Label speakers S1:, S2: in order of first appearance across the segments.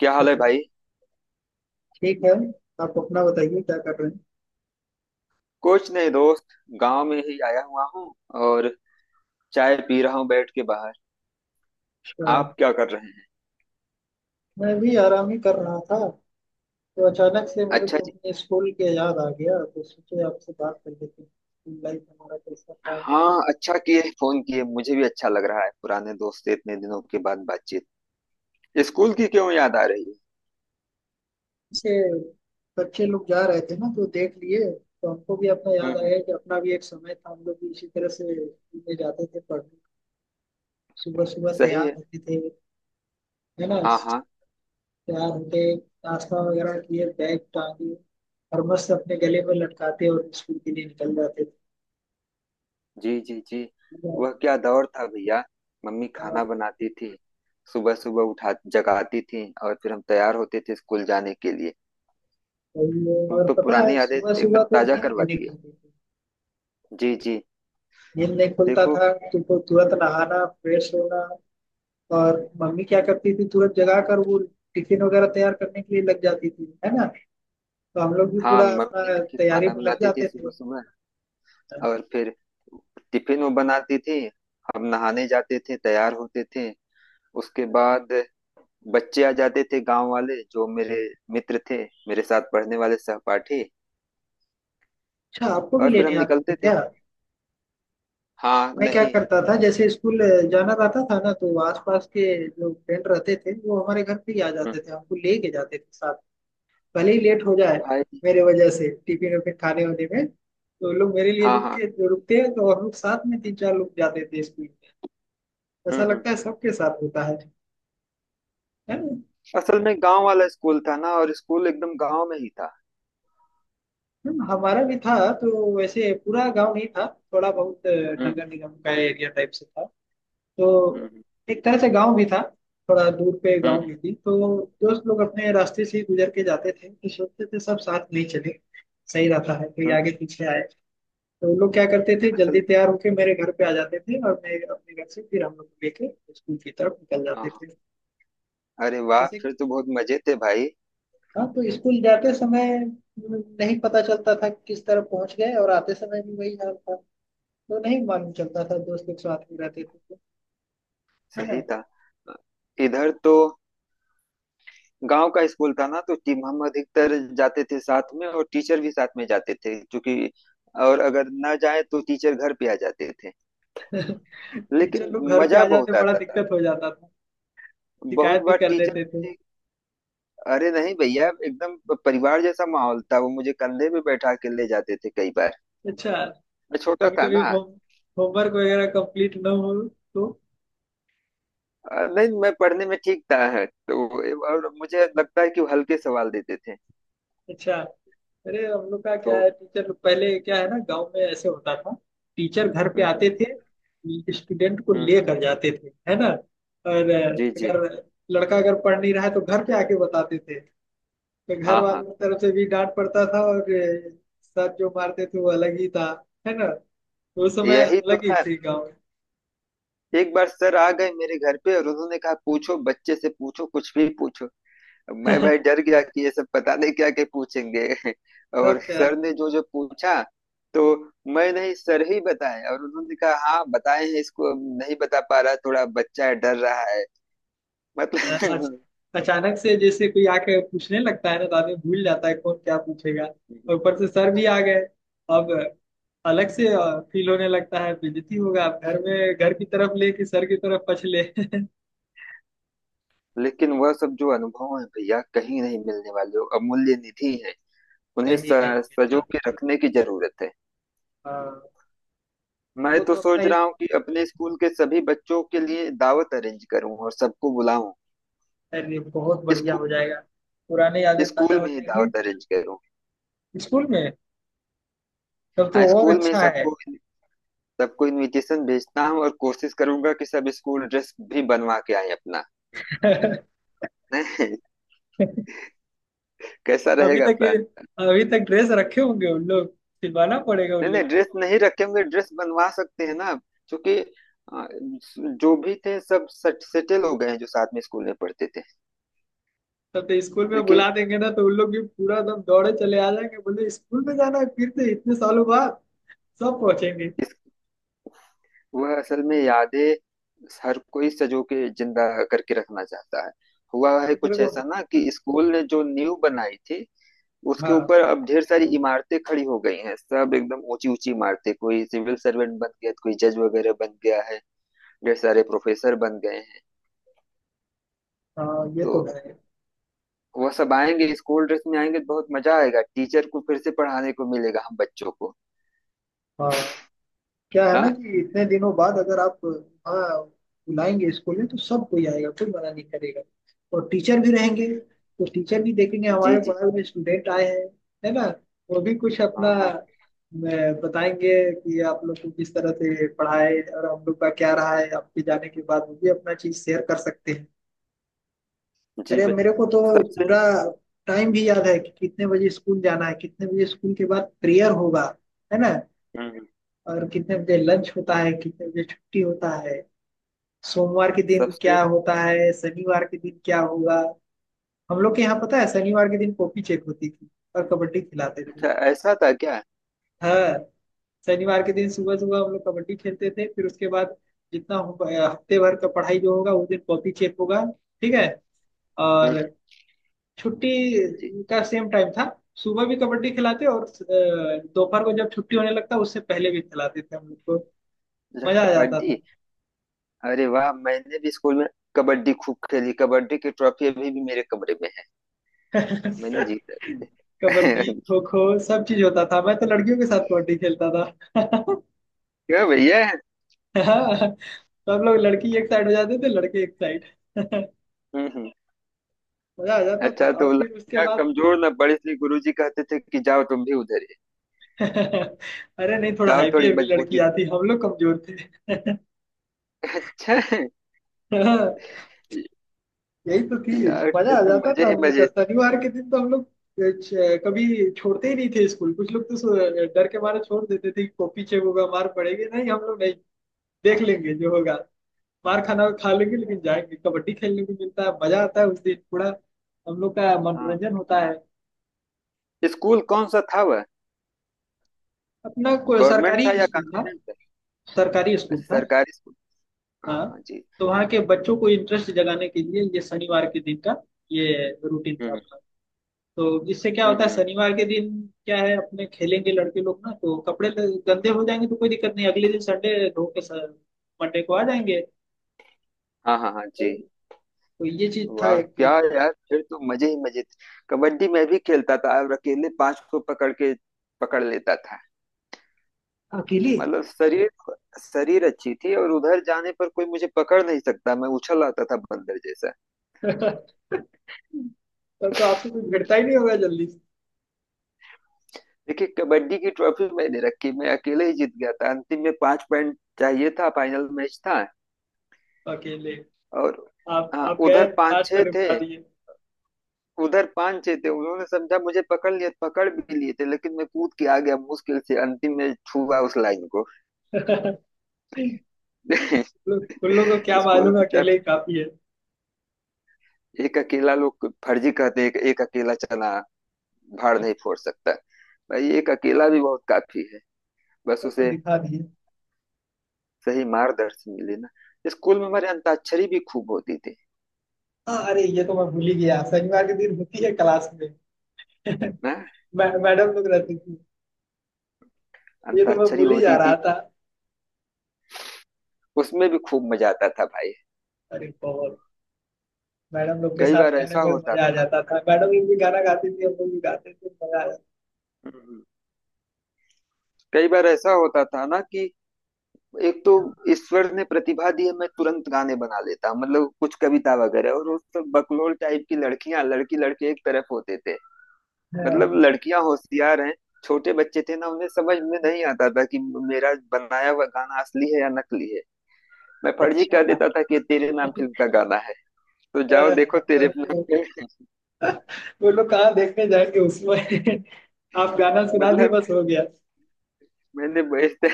S1: क्या हाल है
S2: चलो,
S1: भाई।
S2: ठीक है। आप अपना बताइए क्या कर रहे हैं?
S1: कुछ नहीं दोस्त। गांव में ही आया हुआ हूँ और चाय पी रहा हूँ बैठ के बाहर।
S2: अच्छा,
S1: आप क्या कर रहे हैं।
S2: मैं भी आराम ही कर रहा था, तो अचानक से मेरे
S1: अच्छा
S2: को
S1: जी।
S2: अपने स्कूल के याद आ गया, तो सोचे आपसे बात कर लेते हैं स्कूल लाइफ हमारा कैसा था, हम लोग
S1: हाँ,
S2: कैसा
S1: अच्छा किए, फोन किए, मुझे भी अच्छा लग रहा है पुराने दोस्त से इतने दिनों के बाद बातचीत। स्कूल की क्यों याद आ रही है।
S2: से बच्चे लोग जा रहे थे ना तो देख लिए। तो हमको भी अपना
S1: हम्म।
S2: याद
S1: हम्म।
S2: आया कि अपना भी एक समय था, हम लोग भी इसी तरह से स्कूल में जाते थे पढ़ने। सुबह सुबह
S1: सही
S2: तैयार
S1: है।
S2: होते थे, है ना।
S1: हाँ हाँ।
S2: तैयार होते, नाश्ता वगैरह किए, बैग टांगे और मस्त अपने गले में लटकाते और स्कूल के लिए निकल जाते थे।
S1: जी जी जी।
S2: हाँ,
S1: वह क्या दौर था भैया। मम्मी खाना बनाती थी, सुबह सुबह उठा जगाती थी और फिर हम तैयार होते थे स्कूल जाने के लिए।
S2: सही है।
S1: तुम
S2: और
S1: तो
S2: पता
S1: पुरानी
S2: है
S1: यादें
S2: सुबह सुबह
S1: एकदम
S2: तो
S1: ताजा
S2: नींद भी
S1: करवा
S2: नहीं
S1: दिए।
S2: खुलती थी।
S1: जी जी।
S2: नींद नहीं खुलता
S1: देखो।
S2: था तुमको, तुरंत नहाना फ्रेश होना। और मम्मी क्या करती थी, तुरंत जगा कर वो टिफिन वगैरह तैयार करने के लिए लग जाती थी, है ना। तो हम लोग भी
S1: हाँ,
S2: पूरा
S1: मम्मी
S2: अपना
S1: देखिए
S2: तैयारी
S1: खाना
S2: में लग
S1: बनाती थी
S2: जाते थे।
S1: सुबह सुबह।
S2: अच्छा,
S1: और फिर टिफिन वो बनाती थी। हम नहाने जाते थे, तैयार होते थे। उसके बाद बच्चे आ जाते थे गांव वाले, जो मेरे मित्र थे, मेरे साथ पढ़ने वाले सहपाठी।
S2: आपको भी
S1: और फिर हम
S2: लेने आते थे
S1: निकलते थे।
S2: क्या?
S1: हाँ,
S2: मैं क्या
S1: नहीं।
S2: करता था, जैसे स्कूल जाना रहता था ना, तो आसपास के जो फ्रेंड रहते थे वो हमारे घर पे ही आ
S1: हम्म।
S2: जाते थे, हमको ले के जाते थे साथ। भले ही लेट हो जाए
S1: भाई।
S2: मेरे वजह से टिफिन वफिन खाने होने में, तो लोग मेरे लिए
S1: हाँ
S2: रुक
S1: हाँ।
S2: के, जो रुकते हैं तो हम लोग साथ में तीन चार लोग जाते थे स्कूल में। ऐसा
S1: हम्म।
S2: लगता है सबके साथ होता है ना।
S1: असल में गांव वाला स्कूल था ना, और स्कूल एकदम गांव में ही था।
S2: हमारा भी था। तो वैसे पूरा गांव नहीं था, थोड़ा बहुत
S1: हम्म
S2: नगर निगम का एरिया टाइप से था। तो
S1: हम्म।
S2: एक तरह से गांव भी था, थोड़ा दूर पे गांव
S1: हम्म।
S2: भी थी। तो दोस्त लोग अपने रास्ते से ही गुजर के जाते थे, तो सोचते थे सब साथ नहीं चले। सही रहता है कोई आगे
S1: हम्म।
S2: पीछे आए। तो वो लोग क्या करते थे,
S1: और
S2: जल्दी
S1: असल।
S2: तैयार होके मेरे घर पे आ जाते थे, और मैं अपने घर से फिर हम लोग को लेके स्कूल की तरफ निकल
S1: हाँ
S2: जाते
S1: हाँ।
S2: थे।
S1: अरे वाह,
S2: ऐसे
S1: फिर तो बहुत मजे थे भाई।
S2: हाँ, तो स्कूल जाते समय नहीं पता चलता था कि किस तरफ पहुंच गए, और आते समय भी वही हाल था। तो नहीं मालूम चलता था, दोस्त लोग साथ में रहते थे तो, है
S1: सही
S2: ना।
S1: था। इधर तो गांव का स्कूल था ना, तो टीम हम अधिकतर जाते थे साथ में, और टीचर भी साथ में जाते थे, क्योंकि और अगर ना जाए तो टीचर घर पे आ जाते थे।
S2: टीचर
S1: लेकिन
S2: लोग घर पे
S1: मजा
S2: आ जाते
S1: बहुत
S2: तो बड़ा
S1: आता था।
S2: दिक्कत हो जाता था,
S1: बहुत
S2: शिकायत भी
S1: बार
S2: कर
S1: टीचर
S2: देते थे।
S1: ने। अरे नहीं भैया, एकदम परिवार जैसा माहौल था, वो मुझे कंधे पे बैठा के ले जाते थे कई बार।
S2: अच्छा,
S1: मैं छोटा
S2: कभी
S1: था
S2: कभी
S1: ना।
S2: होमवर्क वगैरह कंप्लीट ना हो तो।
S1: नहीं, मैं पढ़ने में ठीक था है तो, और मुझे लगता है कि वो हल्के सवाल देते थे।
S2: अच्छा, अरे हम लोग का क्या
S1: तो।
S2: है, टीचर लोग पहले क्या है ना, गांव में ऐसे होता था, टीचर घर पे
S1: हम्म।
S2: आते थे, स्टूडेंट को
S1: हम्म।
S2: लेकर जाते थे, है ना। और
S1: जी जी।
S2: अगर लड़का अगर पढ़ नहीं रहा है तो घर पे आके बताते थे। तो घर
S1: हाँ हाँ।
S2: वालों की तरफ से भी डांट पड़ता था, और सर जो मारते थे वो अलग ही था, है ना। उस समय
S1: यही तो
S2: अलग ही
S1: है।
S2: थी गाँव में।
S1: एक बार सर आ गए मेरे घर पे, और उन्होंने कहा पूछो, बच्चे से पूछो, कुछ भी पूछो। अब मैं भाई डर गया कि ये सब पता नहीं क्या क्या पूछेंगे। और
S2: तब क्या,
S1: सर ने जो जो पूछा, तो मैं नहीं, सर ही बताए। और उन्होंने कहा हाँ बताए हैं इसको, अब नहीं बता पा रहा, थोड़ा बच्चा है, डर रहा है।
S2: अ-
S1: मतलब।
S2: अचानक से जैसे कोई आके पूछने लगता है ना, तो आदमी भूल जाता है कौन क्या पूछेगा। और ऊपर से सर भी आ गए, अब अलग से फील होने लगता है बेइज्जती होगा, अब घर में घर की तरफ ले कि सर की तरफ पछले।
S1: लेकिन वह सब जो अनुभव है भैया, कहीं नहीं मिलने वाले, वो अमूल्य निधि है, उन्हें
S2: कहीं नहीं
S1: सजो
S2: है।
S1: के रखने की जरूरत है।
S2: हाँ,
S1: मैं
S2: हमको
S1: तो
S2: तो अपना
S1: सोच रहा
S2: इस,
S1: हूँ कि अपने स्कूल के सभी बच्चों के लिए दावत अरेंज करूँ, और सबको बुलाऊं।
S2: अरे बहुत बढ़िया
S1: स्कूल
S2: हो जाएगा, पुराने यादें ताजा
S1: स्कूल
S2: हो
S1: में ही
S2: जाएंगी।
S1: दावत अरेंज करूँ।
S2: स्कूल में तब तो
S1: हाँ,
S2: और
S1: स्कूल में ही
S2: अच्छा है।
S1: सबको, सबको इनविटेशन भेजता हूँ, और कोशिश करूंगा कि सब स्कूल ड्रेस भी बनवा के आए अपना। नहीं। कैसा
S2: अभी
S1: रहेगा
S2: तक
S1: प्लान।
S2: ये- अभी तक ड्रेस रखे होंगे उन लोग, सिलवाना पड़ेगा उन
S1: नहीं नहीं,
S2: लोग को।
S1: ड्रेस नहीं रखेंगे, ड्रेस बनवा सकते हैं ना। क्योंकि जो भी थे सब सेटल हो गए हैं, जो साथ में स्कूल में पढ़ते थे।
S2: तब तो स्कूल में
S1: देखिए,
S2: बुला देंगे ना तो उन लोग भी पूरा एकदम दौड़े चले आ जाएंगे, बोले स्कूल में जाना है फिर से इतने सालों बाद। सब पहुंचेंगे।
S1: वह असल में यादें हर कोई सजो के जिंदा करके रखना चाहता है। हुआ है
S2: तो मेरे
S1: कुछ
S2: को
S1: ऐसा ना, कि स्कूल ने जो नींव बनाई थी, उसके
S2: हाँ
S1: ऊपर अब ढेर सारी इमारतें खड़ी हो गई हैं, सब एकदम ऊंची ऊंची इमारतें, कोई सिविल सर्वेंट बन गया, कोई जज वगैरह बन गया है, ढेर सारे प्रोफेसर बन गए हैं।
S2: हाँ, ये तो
S1: तो
S2: है।
S1: वह सब आएंगे, स्कूल ड्रेस में आएंगे, तो बहुत मजा आएगा, टीचर को फिर से पढ़ाने को मिलेगा हम बच्चों को।
S2: हाँ, क्या है
S1: ना।
S2: ना कि इतने दिनों बाद अगर आप, हाँ, बुलाएंगे स्कूल में तो सब कोई आएगा, कोई मना नहीं करेगा। और टीचर भी रहेंगे, तो टीचर भी देखेंगे
S1: जी
S2: हमारे
S1: जी।
S2: बगल में स्टूडेंट आए हैं, है ना। वो भी कुछ अपना
S1: हाँ हाँ।
S2: बताएंगे कि आप लोग को किस तरह से पढ़ाए, और हम लोग का क्या रहा है आपके जाने के बाद, वो भी अपना चीज शेयर कर सकते हैं।
S1: जी
S2: अरे
S1: बे-
S2: मेरे को तो
S1: सबसे।
S2: पूरा टाइम भी याद है कि कितने बजे स्कूल जाना है, कितने बजे स्कूल के बाद प्रेयर होगा, है ना।
S1: हम्म।
S2: और कितने बजे लंच होता है, कितने बजे छुट्टी होता है। सोमवार के दिन
S1: सबसे।
S2: क्या होता है, शनिवार के दिन क्या होगा। हम लोग के यहाँ पता है शनिवार के दिन कॉपी चेक होती थी और कबड्डी खिलाते थे।
S1: अच्छा, ऐसा था क्या।
S2: हाँ, शनिवार के दिन सुबह सुबह हम लोग कबड्डी खेलते थे, फिर उसके बाद जितना हो- हफ्ते भर का पढ़ाई जो होगा उस दिन कॉपी चेक होगा, ठीक है।
S1: हम्म।
S2: और छुट्टी
S1: जी।
S2: का सेम टाइम था, सुबह भी कबड्डी खिलाते और दोपहर को जब छुट्टी होने लगता उससे पहले भी खिलाते थे हम लोग को।
S1: अच्छा,
S2: मजा आ जाता
S1: कबड्डी। अरे वाह, मैंने भी स्कूल में कबड्डी खूब खेली, कबड्डी की ट्रॉफी अभी भी मेरे कमरे में है, मैंने
S2: था।
S1: जीता भी है।
S2: कबड्डी खो खो सब चीज होता था, मैं तो लड़कियों के साथ कबड्डी खेलता था।
S1: क्यों भैया।
S2: हाँ, सब लोग लड़की एक साइड हो जाते थे लड़के एक साइड।
S1: हम्म हम्म।
S2: मजा आ जाता था
S1: अच्छा
S2: और
S1: तो
S2: फिर उसके
S1: लड़कियां
S2: बाद।
S1: कमजोर ना पड़ी, इसलिए गुरुजी कहते थे कि जाओ तुम भी उधर ही,
S2: अरे नहीं, थोड़ा
S1: जाओ
S2: हैवी
S1: थोड़ी
S2: हैवी लड़की
S1: मजबूती दो।
S2: आती, हम लोग कमजोर थे।
S1: अच्छा।
S2: हाँ, यही तो थी,
S1: यार, फिर
S2: मजा आ
S1: तो
S2: जाता
S1: मजे
S2: था
S1: ही
S2: हम लोग का।
S1: मजे।
S2: शनिवार के दिन तो हम लोग कभी छोड़ते ही नहीं थे स्कूल। कुछ लोग तो डर के मारे छोड़ देते थे कि पीछे होगा मार पड़ेगी। नहीं, हम लोग नहीं, देख लेंगे जो होगा। मार खाना खा लेंगे, लेकिन जाएंगे, कबड्डी खेलने को मिलता है, मजा आता है उस दिन पूरा, हम लोग का
S1: हाँ।
S2: मनोरंजन होता है।
S1: स्कूल कौन सा था वह,
S2: अपना कोई
S1: गवर्नमेंट था
S2: सरकारी
S1: या
S2: स्कूल था।
S1: कॉन्वेंट था।
S2: सरकारी स्कूल
S1: अच्छा,
S2: था
S1: सरकारी स्कूल। हाँ
S2: हाँ,
S1: हाँ जी।
S2: तो वहाँ के बच्चों को इंटरेस्ट जगाने के लिए ये शनिवार के दिन का ये रूटीन था
S1: हम्म
S2: अपना। तो इससे क्या
S1: हम्म।
S2: होता है
S1: हम्म।
S2: शनिवार के दिन, क्या है अपने खेलेंगे लड़के लोग ना तो कपड़े गंदे हो जाएंगे, तो कोई दिक्कत नहीं, अगले दिन संडे धो के मंडे को आ जाएंगे।
S1: हाँ हाँ हाँ जी।
S2: तो ये चीज था
S1: वाह
S2: एक।
S1: क्या यार, फिर तो मजे ही मजे थे। कबड्डी मैं भी खेलता था, और अकेले पांच को पकड़ के पकड़ लेता था।
S2: अकेले।
S1: मतलब शरीर शरीर अच्छी थी, और उधर जाने पर कोई मुझे पकड़ नहीं सकता, मैं उछल आता था बंदर जैसा।
S2: तब तो आपसे कुछ भिड़ता ही नहीं होगा जल्दी से।
S1: देखिए, कबड्डी की ट्रॉफी मैंने रखी, मैं अकेले ही जीत गया था, अंतिम में पांच पॉइंट चाहिए था, फाइनल मैच था।
S2: अकेले
S1: और
S2: आप
S1: हाँ,
S2: आप गए
S1: उधर पांच
S2: पांच को
S1: छह थे।
S2: निपटा दिए।
S1: उन्होंने समझा, मुझे पकड़ लिया, पकड़ भी लिए थे, लेकिन मैं कूद के आ गया, मुश्किल से अंतिम में छुआ उस लाइन को।
S2: उन उन लोगों को क्या
S1: स्कूल
S2: मालूम
S1: की
S2: अकेले
S1: तरफ।
S2: ही काफी है।
S1: एक अकेला लोग फर्जी कहते हैं कि एक अकेला चना भाड़ नहीं फोड़ सकता। भाई, एक अकेला भी बहुत काफी है, बस
S2: वो तो
S1: उसे
S2: दिखा दिए।
S1: सही मार्गदर्शन मिले ना। स्कूल में हमारे अंताक्षरी भी खूब होती थी।
S2: हाँ, अरे ये तो मैं भूल ही गया, शनिवार के दिन होती है क्लास में।
S1: ना।
S2: मैडम लोग रहती थी, ये तो मैं
S1: अंताक्षरी
S2: भूल ही जा
S1: होती थी,
S2: रहा था।
S1: उसमें भी खूब मजा आता था भाई।
S2: अरे बहुत, मैडम लोग के
S1: कई
S2: साथ
S1: बार
S2: करने
S1: ऐसा
S2: में
S1: होता
S2: मजा आ
S1: था,
S2: जाता था। मैडम लोग भी गाना गाती थी, हम लोग भी गाते थे, मजा आ जाता
S1: कई बार ऐसा होता था ना कि एक तो
S2: था।
S1: ईश्वर ने प्रतिभा दी है, मैं तुरंत गाने बना लेता, मतलब कुछ कविता वगैरह। और उस वक्त बकलोल टाइप की लड़कियां, लड़की लड़के एक तरफ होते थे। मतलब
S2: हाँ,
S1: लड़कियां होशियार हैं, छोटे बच्चे थे ना, उन्हें समझ में नहीं आता था कि मेरा बनाया हुआ गाना असली है या नकली है। मैं फर्जी
S2: अच्छा,
S1: कह
S2: हाँ,
S1: देता था कि तेरे नाम फिल्म का गाना है, तो जाओ देखो
S2: तब
S1: तेरे नाम
S2: तो,
S1: पे।
S2: वो लोग कहाँ देखने जाएंगे उसमें। आप गाना सुना दिए
S1: मतलब
S2: बस हो गया।
S1: मैंने बेचते-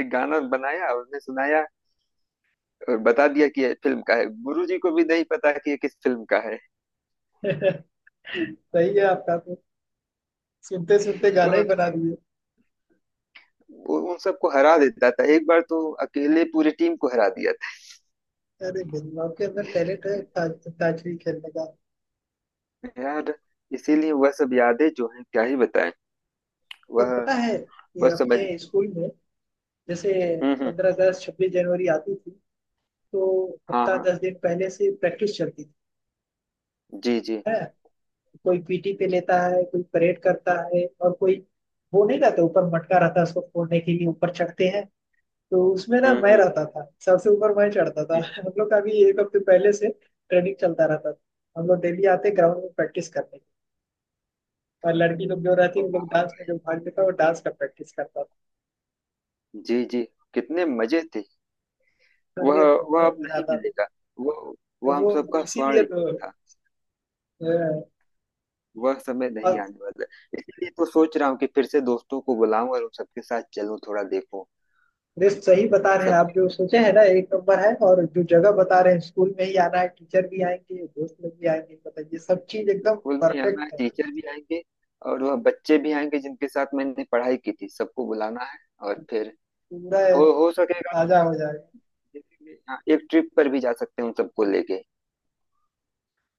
S1: एक गाना बनाया, उन्हें सुनाया, और बता दिया कि ये फिल्म का है, गुरु जी को भी नहीं पता कि ये किस फिल्म का है।
S2: सही है आपका तो, सुनते सुनते गाना ही
S1: तो
S2: बना दिए।
S1: वो उन सबको हरा देता था, एक बार तो अकेले पूरी टीम को हरा दिया था।
S2: अरे बिल्कुल आपके अंदर टैलेंट है ताजगी खेलने का।
S1: यार, इसीलिए वह सब यादें जो हैं क्या ही बताएं।
S2: और
S1: वह
S2: पता है, ये
S1: वह समझ।
S2: अपने स्कूल में जैसे
S1: हम्म।
S2: 15 अगस्त 26 जनवरी आती थी, तो
S1: हाँ
S2: हफ्ता
S1: हाँ।
S2: 10 दिन पहले से प्रैक्टिस चलती थी।
S1: जी जी।
S2: है, कोई पीटी पे लेता है, कोई परेड करता है, और कोई वो नहीं रहता ऊपर मटका रहता है, उसको फोड़ने के लिए ऊपर चढ़ते हैं, तो उसमें ना मैं
S1: हम्म।
S2: रहता था, सबसे ऊपर मैं चढ़ता था।
S1: हम्म।
S2: हम लोग का भी एक हफ्ते पहले से ट्रेनिंग चलता रहता था, हम लोग डेली आते ग्राउंड में प्रैक्टिस करने। और लड़की लोग जो रहती, उन लोग डांस में जो भाग लेता वो डांस का प्रैक्टिस करता
S1: जी जी। कितने मजे थे।
S2: था।
S1: वह
S2: अरे
S1: वह
S2: बहुत
S1: अब
S2: मजा
S1: नहीं
S2: आता था।
S1: मिलेगा। वह
S2: तो
S1: वह हम
S2: वो
S1: सबका स्वर्ण
S2: इसीलिए तो
S1: युग था।
S2: अ,
S1: वह समय नहीं
S2: और
S1: आने वाला। इसलिए तो सोच रहा हूँ कि फिर से दोस्तों को बुलाऊं, और उन सबके साथ चलूं, थोड़ा देखूं।
S2: रेस्ट सही बता रहे हैं
S1: सब।
S2: आप। जो सोचे हैं ना एक नंबर है, और जो जगह बता रहे हैं स्कूल में ही आना है, टीचर भी आएंगे, दोस्त लोग भी आएंगे, बताइए सब चीज एकदम
S1: स्कूल में आना है,
S2: परफेक्ट है।
S1: टीचर भी आएंगे, और वह बच्चे भी आएंगे जिनके साथ मैंने पढ़ाई की थी, सबको बुलाना है। और फिर
S2: पूरा
S1: हो सकेगा।
S2: ताजा हो जाएगा।
S1: जैसे कि, हाँ, एक ट्रिप पर भी जा सकते हैं उन सबको लेके,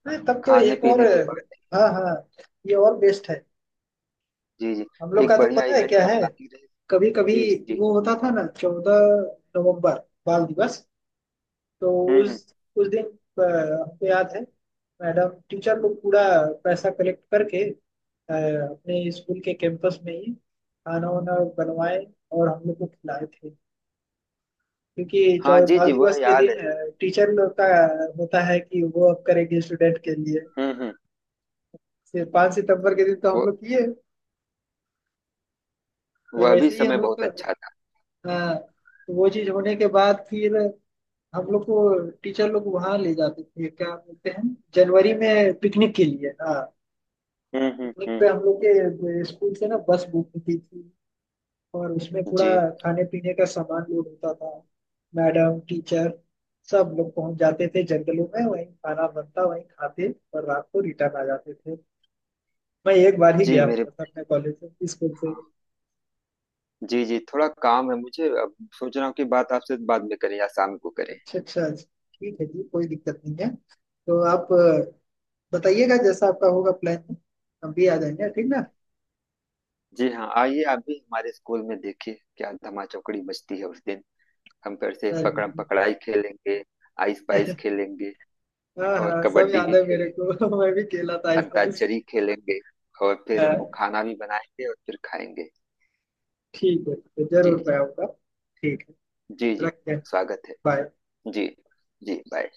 S2: नहीं तब तो
S1: खाने
S2: एक और,
S1: पीने के बाद।
S2: हाँ हाँ, ये और बेस्ट है।
S1: जी जी।
S2: हम लोग
S1: एक
S2: का तो
S1: बढ़िया
S2: पता है
S1: इवेंट
S2: क्या
S1: का
S2: है,
S1: प्लानिंग रहे।
S2: कभी कभी
S1: जी जी जी।
S2: वो होता था ना 14 नवंबर बाल दिवस। तो
S1: हम्म।
S2: उस दिन हमको याद है मैडम टीचर लोग पूरा पैसा कलेक्ट करके अपने स्कूल के कैंपस में ही खाना वाना बनवाए और हम लोग को खिलाए थे। क्योंकि चौ
S1: हाँ जी
S2: बाल
S1: जी, वह
S2: दिवस के
S1: याद है।
S2: दिन टीचर लोग का होता है कि वो अब करेंगे स्टूडेंट के लिए।
S1: हम्म।
S2: 5 सितंबर के दिन तो
S1: वह
S2: हम लोग किए, तो
S1: वह भी
S2: वैसे ही
S1: समय
S2: हम लोग
S1: बहुत
S2: तो
S1: अच्छा था।
S2: हाँ। तो वो चीज होने के बाद फिर हम लोग को टीचर लोग वहां ले जाते थे, क्या बोलते हैं, जनवरी में पिकनिक के लिए हाँ।
S1: हम्म।
S2: पिकनिक
S1: हम्म।
S2: पे हम लोग के स्कूल से ना बस बुक होती थी, और उसमें पूरा
S1: जी
S2: खाने पीने का सामान लोड होता था। मैडम टीचर सब लोग पहुंच जाते थे जंगलों में, वहीं खाना बनता वहीं खाते, और रात को रिटर्न आ जाते थे। मैं एक बार ही
S1: जी
S2: गया हूँ
S1: मेरे।
S2: बस अपने कॉलेज से, स्कूल से।
S1: हाँ। जी जी, थोड़ा काम है मुझे, अब सोच रहा हूँ कि बात आपसे बाद में करें या शाम को करें।
S2: अच्छा अच्छा अच्छा, ठीक है जी, कोई दिक्कत नहीं है। तो आप बताइएगा जैसा आपका होगा प्लान, हम भी आ जाएंगे, ठीक ना।
S1: जी हाँ, आइए आप भी हमारे स्कूल में, देखिए क्या धमा चौकड़ी मचती है उस दिन। हम फिर से पकड़म
S2: चलिए।
S1: पकड़ाई खेलेंगे, आइस पाइस खेलेंगे,
S2: हाँ
S1: और
S2: हाँ सब
S1: कबड्डी
S2: याद
S1: भी
S2: है मेरे
S1: खेलेंगे,
S2: को। मैं भी खेला था आइस पाइस।
S1: अंताक्षरी खेलेंगे, और फिर वो
S2: हाँ
S1: खाना भी बनाएंगे, और फिर खाएंगे।
S2: ठीक है, तो
S1: जी
S2: जरूर
S1: जी।
S2: मैं आऊंगा। ठीक
S1: जी
S2: है,
S1: जी।
S2: रखते हैं।
S1: स्वागत है।
S2: बाय।
S1: जी। जी बाय।